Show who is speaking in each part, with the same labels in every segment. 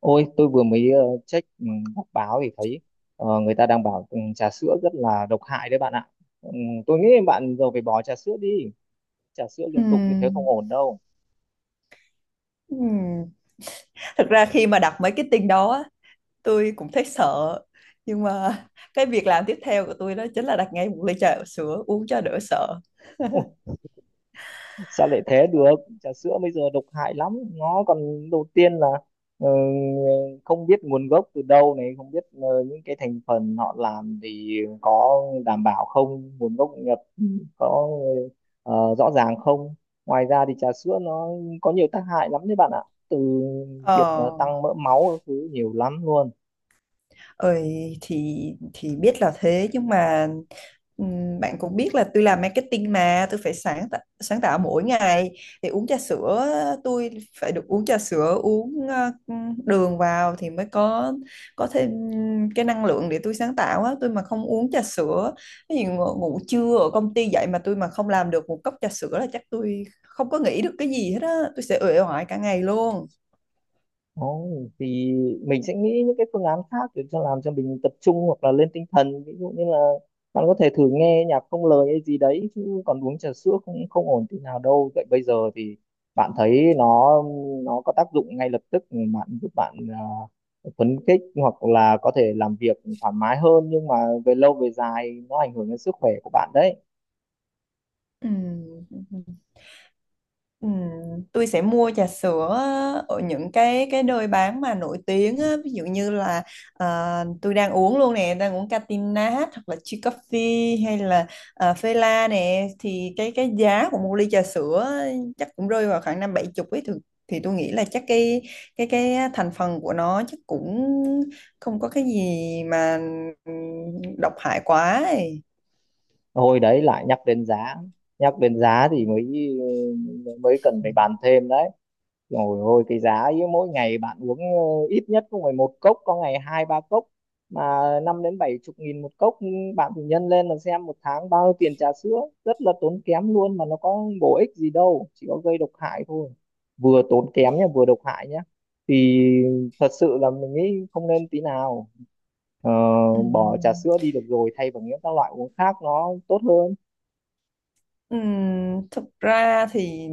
Speaker 1: Ôi, tôi vừa mới check, đọc báo thì thấy người ta đang bảo, trà sữa rất là độc hại đấy bạn ạ. Ừ, tôi nghĩ bạn giờ phải bỏ trà sữa đi. Trà sữa liên tục như thế không
Speaker 2: Ừm,
Speaker 1: ổn đâu.
Speaker 2: ừm. Thực ra khi mà đặt mấy cái tin đó á, tôi cũng thấy sợ nhưng mà cái việc làm tiếp theo của tôi đó chính là đặt ngay một ly trà sữa uống cho đỡ sợ.
Speaker 1: Sao lại thế được? Trà sữa bây giờ độc hại lắm, nó còn, đầu tiên là ờ, không biết nguồn gốc từ đâu này, không biết những cái thành phần họ làm thì có đảm bảo không, nguồn gốc nhập có rõ ràng không. Ngoài ra thì trà sữa nó có nhiều tác hại lắm đấy bạn ạ, từ
Speaker 2: ờ
Speaker 1: việc tăng mỡ máu các thứ nhiều lắm luôn.
Speaker 2: Ơi thì biết là thế, nhưng mà bạn cũng biết là tôi làm marketing mà tôi phải sáng tạo mỗi ngày. Thì uống trà sữa, tôi phải được uống trà sữa, uống đường vào thì mới có thêm cái năng lượng để tôi sáng tạo á. Tôi mà không uống trà sữa cái gì, ngủ trưa ở công ty dậy mà tôi mà không làm được một cốc trà sữa là chắc tôi không có nghĩ được cái gì hết á, tôi sẽ uể oải cả ngày luôn.
Speaker 1: Ồ, thì mình sẽ nghĩ những cái phương án khác để cho làm cho mình tập trung hoặc là lên tinh thần, ví dụ như là bạn có thể thử nghe nhạc không lời hay gì đấy, chứ còn uống trà sữa không, không ổn tí nào đâu. Vậy bây giờ thì bạn thấy nó có tác dụng ngay lập tức, bạn giúp bạn à, phấn khích hoặc là có thể làm việc thoải mái hơn, nhưng mà về lâu về dài nó ảnh hưởng đến sức khỏe của bạn đấy.
Speaker 2: Ừm, Ừm, tôi sẽ mua trà sữa ở những cái nơi bán mà nổi tiếng á, ví dụ như là à, tôi đang uống luôn nè, đang uống Catinat hoặc là Chi Coffee hay là à, Fela nè. Thì cái giá của một ly trà sữa á, chắc cũng rơi vào khoảng năm bảy chục ấy, thì tôi nghĩ là chắc cái thành phần của nó chắc cũng không có cái gì mà ừm, độc hại quá ấy.
Speaker 1: Hồi đấy lại nhắc đến giá, nhắc đến giá thì mới mới cần phải bàn thêm đấy. Rồi, ôi cái giá ấy, mỗi ngày bạn uống ít nhất cũng phải một cốc, có ngày hai ba cốc, mà năm đến bảy chục nghìn một cốc, bạn thì nhân lên mà xem một tháng bao nhiêu tiền, trà sữa rất là tốn kém luôn mà nó có bổ ích gì đâu, chỉ có gây độc hại thôi. Vừa tốn kém nhá, vừa độc hại nhá, thì thật sự là mình nghĩ không nên tí nào. Ờ, bỏ trà
Speaker 2: Ừm.
Speaker 1: sữa đi được rồi, thay bằng những các loại uống khác nó tốt hơn.
Speaker 2: Thực ra thì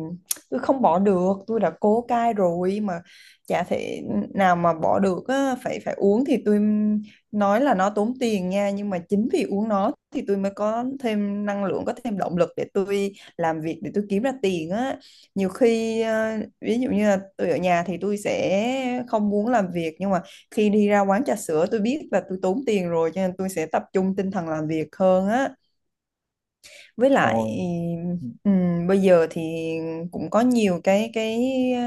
Speaker 2: tôi không bỏ được, tôi đã cố cai rồi mà chả thể nào mà bỏ được á, phải phải uống. Thì tôi nói là nó tốn tiền nha, nhưng mà chính vì uống nó thì tôi mới có thêm năng lượng, có thêm động lực để tôi làm việc, để tôi kiếm ra tiền á. Nhiều khi ví dụ như là tôi ở nhà thì tôi sẽ không muốn làm việc, nhưng mà khi đi ra quán trà sữa tôi biết là tôi tốn tiền rồi cho nên tôi sẽ tập trung tinh thần làm việc hơn á. Với lại
Speaker 1: Rồi. Ừ.
Speaker 2: bây giờ thì cũng có nhiều cái ờ,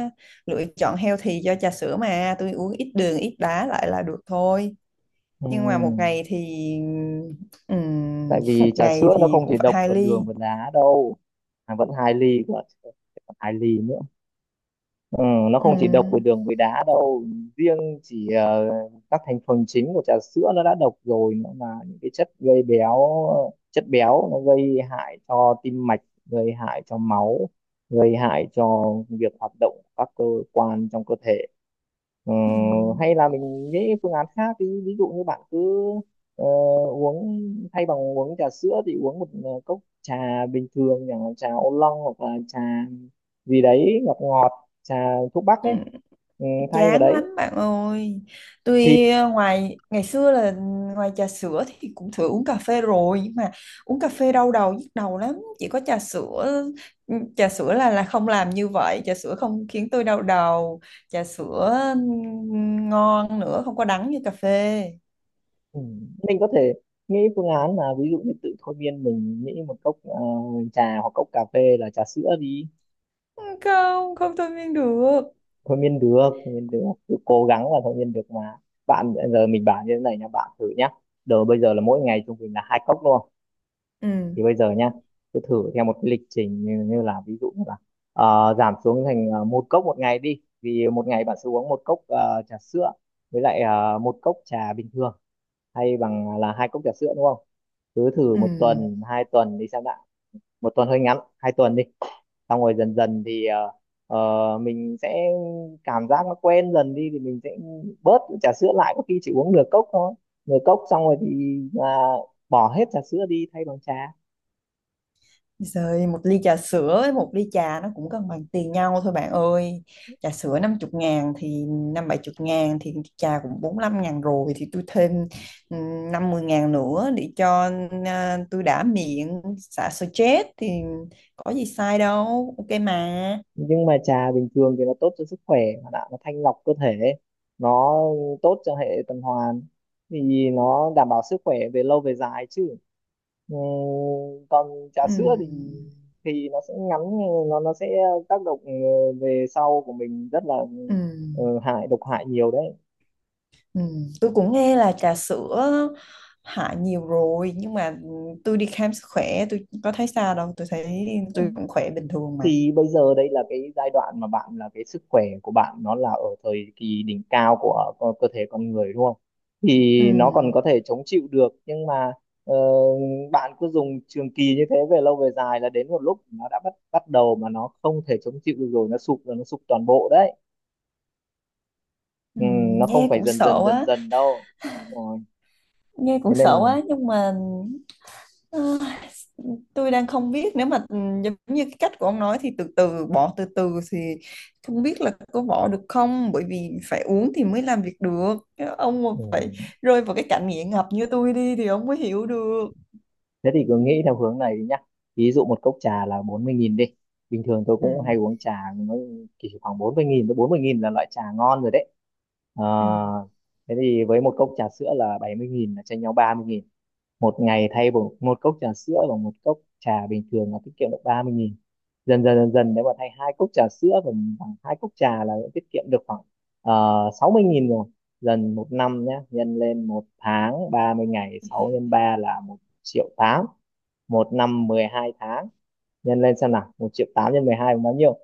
Speaker 2: lựa chọn healthy cho trà sữa, mà tôi uống ít đường ít đá lại là được thôi. Nhưng mà một
Speaker 1: Ừ.
Speaker 2: ngày thì
Speaker 1: Tại vì
Speaker 2: một
Speaker 1: trà
Speaker 2: ngày
Speaker 1: sữa nó
Speaker 2: thì
Speaker 1: không
Speaker 2: cũng
Speaker 1: chỉ
Speaker 2: phải
Speaker 1: độc
Speaker 2: hai
Speaker 1: ở đường
Speaker 2: ly.
Speaker 1: và đá đâu. À, vẫn hai ly cơ, còn hai ly nữa. Ừ, nó không chỉ độc về
Speaker 2: Ừm,
Speaker 1: đường với đá đâu. Riêng chỉ các thành phần chính của trà sữa nó đã độc rồi, nó là những cái chất gây béo. Chất béo nó gây hại cho tim mạch, gây hại cho máu, gây hại cho việc hoạt động của các cơ quan trong cơ thể. Ờ, hay là mình nghĩ phương án khác đi, ví dụ như bạn cứ ờ, uống thay bằng uống trà sữa thì uống một cốc trà bình thường chẳng hạn, trà ô long hoặc là trà gì đấy ngọt ngọt, trà thuốc bắc ấy.
Speaker 2: ừm,
Speaker 1: Ừ, thay vào
Speaker 2: Chán lắm
Speaker 1: đấy
Speaker 2: bạn ơi.
Speaker 1: thì
Speaker 2: Tuy ngoài ngày xưa là ngoài trà sữa thì cũng thử uống cà phê rồi, nhưng mà uống cà phê đau đầu nhức đầu lắm. Chỉ có trà sữa, ừ, trà sữa là không làm như vậy, trà sữa không khiến tôi đau đầu, trà sữa ngon nữa, không có đắng như cà phê.
Speaker 1: ừ, mình có thể nghĩ phương án là ví dụ như tự thôi miên mình, nghĩ một cốc trà hoặc cốc cà phê là trà sữa đi.
Speaker 2: Không, không thôi miên được.
Speaker 1: Thôi miên được, thôi miên được, cứ cố gắng là thôi miên được mà. Bạn giờ mình bảo như thế này nha, bạn thử nhá, giờ bây giờ là mỗi ngày trung bình là hai cốc luôn,
Speaker 2: Ừ,
Speaker 1: thì bây giờ nhá cứ thử theo một cái lịch trình như là ví dụ như là giảm xuống thành một cốc một ngày đi, vì một ngày bạn sẽ uống một cốc trà sữa với lại một cốc trà bình thường, hay bằng là hai cốc trà sữa đúng không? Cứ thử
Speaker 2: ừ.
Speaker 1: một tuần hai tuần đi xem đã. Một tuần hơi ngắn, hai tuần đi. Xong rồi dần dần thì mình sẽ cảm giác nó quen dần đi, thì mình sẽ bớt trà sữa lại, có khi chỉ uống nửa cốc thôi. Nửa cốc xong rồi thì à, bỏ hết trà sữa đi thay bằng trà.
Speaker 2: Rồi một ly trà sữa với một ly trà nó cũng cân bằng tiền nhau thôi bạn ơi. Trà sữa 50 ngàn thì năm bảy chục ngàn, thì trà cũng 45 ngàn rồi, thì tôi thêm ừ, 50 ngàn nữa để cho à, tôi đã miệng xả stress thì có gì sai đâu, ok mà.
Speaker 1: Nhưng mà trà bình thường thì nó tốt cho sức khỏe mà, đã nó thanh lọc cơ thể, nó tốt cho hệ tuần hoàn, thì nó đảm bảo sức khỏe về lâu về dài chứ. Ừ, còn trà
Speaker 2: Ừ.
Speaker 1: sữa thì nó sẽ ngắn, nó sẽ tác động về sau của mình rất là
Speaker 2: Ừ.
Speaker 1: hại, độc hại nhiều đấy.
Speaker 2: Ừ. Tôi cũng nghe là trà sữa hại nhiều rồi, nhưng mà tôi đi khám sức khỏe tôi có thấy sao đâu, tôi thấy
Speaker 1: Ừ.
Speaker 2: tôi cũng khỏe bình thường mà.
Speaker 1: Thì bây giờ đây là cái giai đoạn mà bạn là cái sức khỏe của bạn nó là ở thời kỳ đỉnh cao của cơ thể con người đúng không, thì
Speaker 2: Ừ.
Speaker 1: nó còn có thể chống chịu được, nhưng mà ờ, bạn cứ dùng trường kỳ như thế về lâu về dài là đến một lúc nó đã bắt bắt đầu mà nó không thể chống chịu được, rồi nó sụp, rồi nó sụp toàn bộ đấy.
Speaker 2: Ừ,
Speaker 1: Ừ, nó không
Speaker 2: nghe
Speaker 1: phải
Speaker 2: cũng
Speaker 1: dần
Speaker 2: sợ
Speaker 1: dần dần
Speaker 2: quá,
Speaker 1: dần đâu. Ờ,
Speaker 2: nghe
Speaker 1: thế
Speaker 2: cũng
Speaker 1: nên
Speaker 2: sợ
Speaker 1: là.
Speaker 2: quá, nhưng mà ờ, tôi đang không biết nếu mà giống như cái cách của ông nói thì từ từ bỏ từ từ thì không biết là có bỏ được không, bởi vì phải uống thì mới làm việc được. Nếu ông mà phải
Speaker 1: Ừ.
Speaker 2: rơi vào cái cảnh nghiện ngập như tôi đi thì ông mới hiểu được.
Speaker 1: Thế thì cứ nghĩ theo hướng này đi nhá, ví dụ một cốc trà là 40.000 đi, bình thường tôi
Speaker 2: Ừ.
Speaker 1: cũng hay uống trà, nó chỉ khoảng bốn mươi nghìn, tới 40.000 là loại trà ngon rồi đấy.
Speaker 2: Ừ.
Speaker 1: Ờ, thế thì với một cốc trà sữa là 70.000 là chênh nhau 30.000, một ngày thay bằng một cốc trà sữa bằng một cốc trà bình thường là tiết kiệm được 30.000, dần dần dần dần nếu mà thay hai cốc trà sữa bằng hai cốc trà là tiết kiệm được khoảng 60.000 rồi. Dần một năm nhé, nhân lên một tháng 30 ngày, 6 nhân 3 là một triệu tám, một năm 12 tháng, nhân lên xem nào, một triệu tám nhân 12 là bao nhiêu?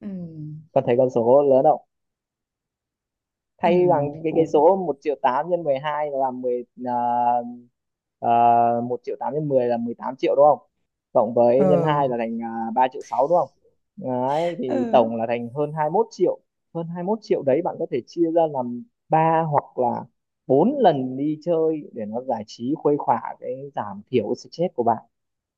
Speaker 2: Ừ.
Speaker 1: Con thấy con số lớn không?
Speaker 2: Ừ.
Speaker 1: Thay bằng cái
Speaker 2: Cũng
Speaker 1: số một triệu 8 nhân 12 là mười, 1 triệu 8 nhân 10 là 18 triệu đúng không? Cộng
Speaker 2: ờ.
Speaker 1: với nhân 2 là thành 3 triệu 6 đúng không? Đấy, thì
Speaker 2: Ừ.
Speaker 1: tổng là thành hơn 21 triệu. Hơn 21 triệu đấy, bạn có thể chia ra làm 3 hoặc là 4 lần đi chơi để nó giải trí khuây khỏa, cái giảm thiểu stress của bạn.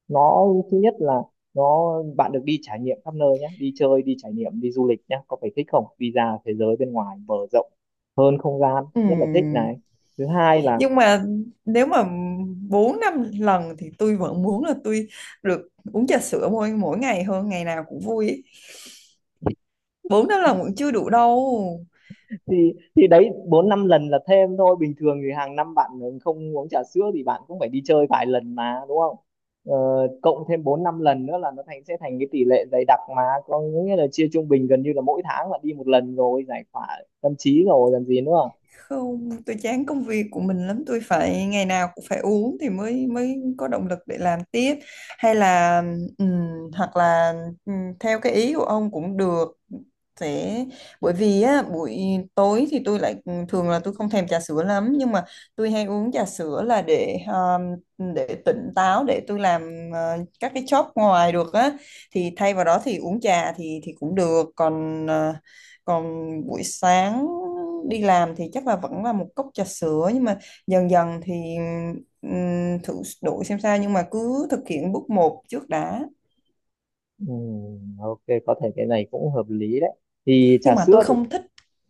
Speaker 1: Nó thứ nhất là nó bạn được đi trải nghiệm khắp nơi nhé, đi chơi, đi trải nghiệm, đi du lịch nhé, có phải thích không, đi ra thế giới bên ngoài mở rộng hơn không gian
Speaker 2: Ừ.
Speaker 1: rất là thích này. Thứ hai là.
Speaker 2: Nhưng mà nếu mà 4 năm lần thì tôi vẫn muốn là tôi được uống trà sữa mỗi mỗi ngày hơn, ngày nào cũng vui ấy. 4 năm lần vẫn chưa đủ đâu.
Speaker 1: Thì đấy, bốn năm lần là thêm thôi, bình thường thì hàng năm bạn không uống trà sữa thì bạn cũng phải đi chơi vài lần mà đúng không? Ờ, cộng thêm bốn năm lần nữa là nó thành, sẽ thành cái tỷ lệ dày đặc mà, có nghĩa là chia trung bình gần như là mỗi tháng bạn đi một lần rồi, giải tỏa tâm trí rồi làm gì nữa.
Speaker 2: Không, tôi chán công việc của mình lắm, tôi phải ngày nào cũng phải uống thì mới mới có động lực để làm tiếp. Hay là ừm, hoặc là theo cái ý của ông cũng được. Sẽ bởi vì á buổi tối thì tôi lại thường là tôi không thèm trà sữa lắm, nhưng mà tôi hay uống trà sữa là để tỉnh táo để tôi làm các cái job ngoài được á. Thì thay vào đó thì uống trà thì cũng được, còn còn buổi sáng đi làm thì chắc là vẫn là một cốc trà sữa, nhưng mà dần dần thì thử đổi xem sao, nhưng mà cứ thực hiện bước một trước đã.
Speaker 1: Ừ, ok, có thể cái này cũng hợp lý đấy. Thì trà
Speaker 2: Nhưng mà tôi
Speaker 1: sữa thì
Speaker 2: không thích,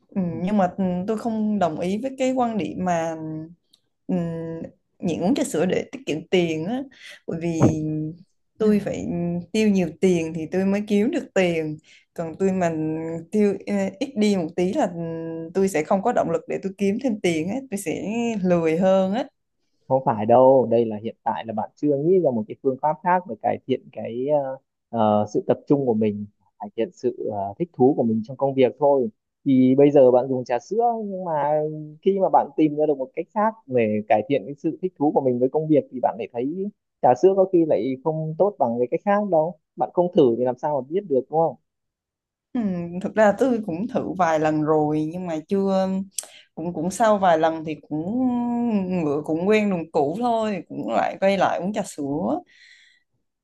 Speaker 2: nhưng mà tôi không đồng ý với cái quan điểm mà ừ, nhịn uống trà sữa để tiết kiệm tiền á, bởi vì tôi phải tiêu nhiều tiền thì tôi mới kiếm được tiền. Còn tôi mà tiêu ít đi một tí là tôi sẽ không có động lực để tôi kiếm thêm tiền á, tôi sẽ lười hơn á.
Speaker 1: không phải đâu, đây là hiện tại là bạn chưa nghĩ ra một cái phương pháp khác để cải thiện cái sự tập trung của mình, cải thiện sự thích thú của mình trong công việc thôi. Thì bây giờ bạn dùng trà sữa, nhưng mà khi mà bạn tìm ra được một cách khác để cải thiện cái sự thích thú của mình với công việc thì bạn lại thấy trà sữa có khi lại không tốt bằng cái cách khác đâu. Bạn không thử thì làm sao mà biết được đúng không?
Speaker 2: Ừ, thực ra tôi cũng thử vài lần rồi nhưng mà chưa, cũng cũng sau vài lần thì cũng ngựa cũng quen đường cũ thôi, cũng lại quay lại uống trà sữa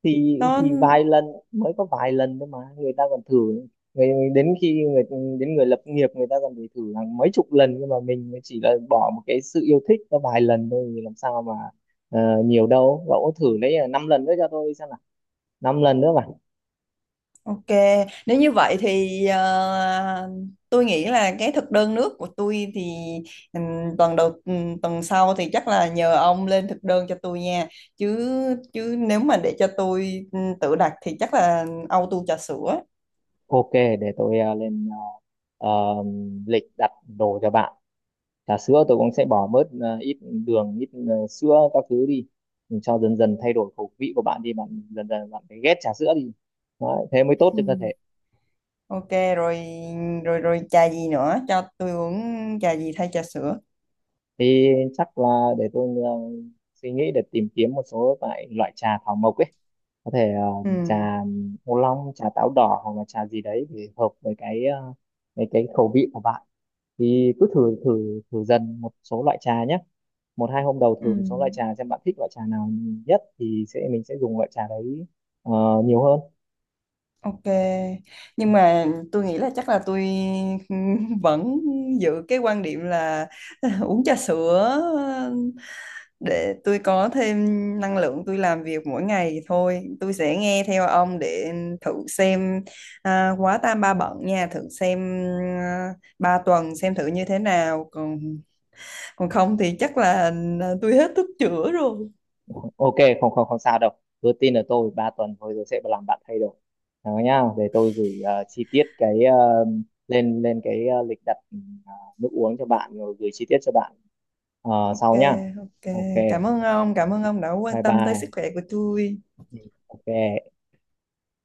Speaker 1: Thì thì
Speaker 2: nó.
Speaker 1: vài lần, mới có vài lần thôi mà, người ta còn thử, người đến khi người đến người lập nghiệp người ta còn phải thử hàng mấy chục lần, nhưng mà mình mới chỉ là bỏ một cái sự yêu thích có vài lần thôi thì làm sao mà nhiều đâu. Cậu thử lấy năm lần nữa cho tôi xem nào, năm lần nữa mà.
Speaker 2: Ok, nếu như vậy thì tôi nghĩ là cái thực đơn nước của tôi thì tuần đầu tuần sau thì chắc là nhờ ông lên thực đơn cho tôi nha. Chứ chứ nếu mà để cho tôi tự đặt thì chắc là auto trà sữa.
Speaker 1: Ok, để tôi lên ờ, ờ, lịch đặt đồ cho bạn. Trà sữa tôi cũng sẽ bỏ bớt ít đường, ít sữa các thứ đi. Mình cho dần dần thay đổi khẩu vị của bạn đi, bạn dần dần bạn phải ghét trà sữa đi. Đấy, thế mới tốt
Speaker 2: Ừ.
Speaker 1: cho cơ thể.
Speaker 2: Ok, rồi rồi rồi trà gì nữa cho tôi uống, trà gì thay trà sữa.
Speaker 1: Thì chắc là để tôi suy nghĩ để tìm kiếm một số loại loại trà thảo mộc ấy. Có thể
Speaker 2: Ừ.
Speaker 1: trà ô long, trà táo đỏ hoặc là trà gì đấy thì hợp với cái với cái khẩu vị của bạn. Thì cứ thử thử thử dần một số loại trà nhé, một hai hôm đầu
Speaker 2: Ừ.
Speaker 1: thử một số loại trà xem bạn thích loại trà nào nhất thì sẽ mình sẽ dùng loại trà đấy ờ, nhiều hơn.
Speaker 2: Ok, nhưng mà tôi nghĩ là chắc là tôi vẫn giữ cái quan điểm là uống trà sữa để tôi có thêm năng lượng tôi làm việc mỗi ngày thôi. Tôi sẽ nghe theo ông để thử xem, à, quá tam ba bận nha, thử xem à, ba tuần xem thử như thế nào. Còn còn không thì chắc là à, tôi hết thuốc chữa rồi.
Speaker 1: Ok, không, không, không sao đâu, cứ tin ở tôi, 3 tuần thôi rồi sẽ làm bạn thay đổi đó nhá. Để tôi gửi chi tiết cái lên lên cái lịch đặt ờ, nước uống cho bạn rồi gửi chi tiết cho bạn
Speaker 2: Ok.
Speaker 1: sau nhá.
Speaker 2: Ok,
Speaker 1: Ok,
Speaker 2: cảm ơn ông, cảm ơn ông đã
Speaker 1: bye
Speaker 2: quan tâm tới
Speaker 1: bye.
Speaker 2: sức khỏe của tôi.
Speaker 1: Ừ, ok.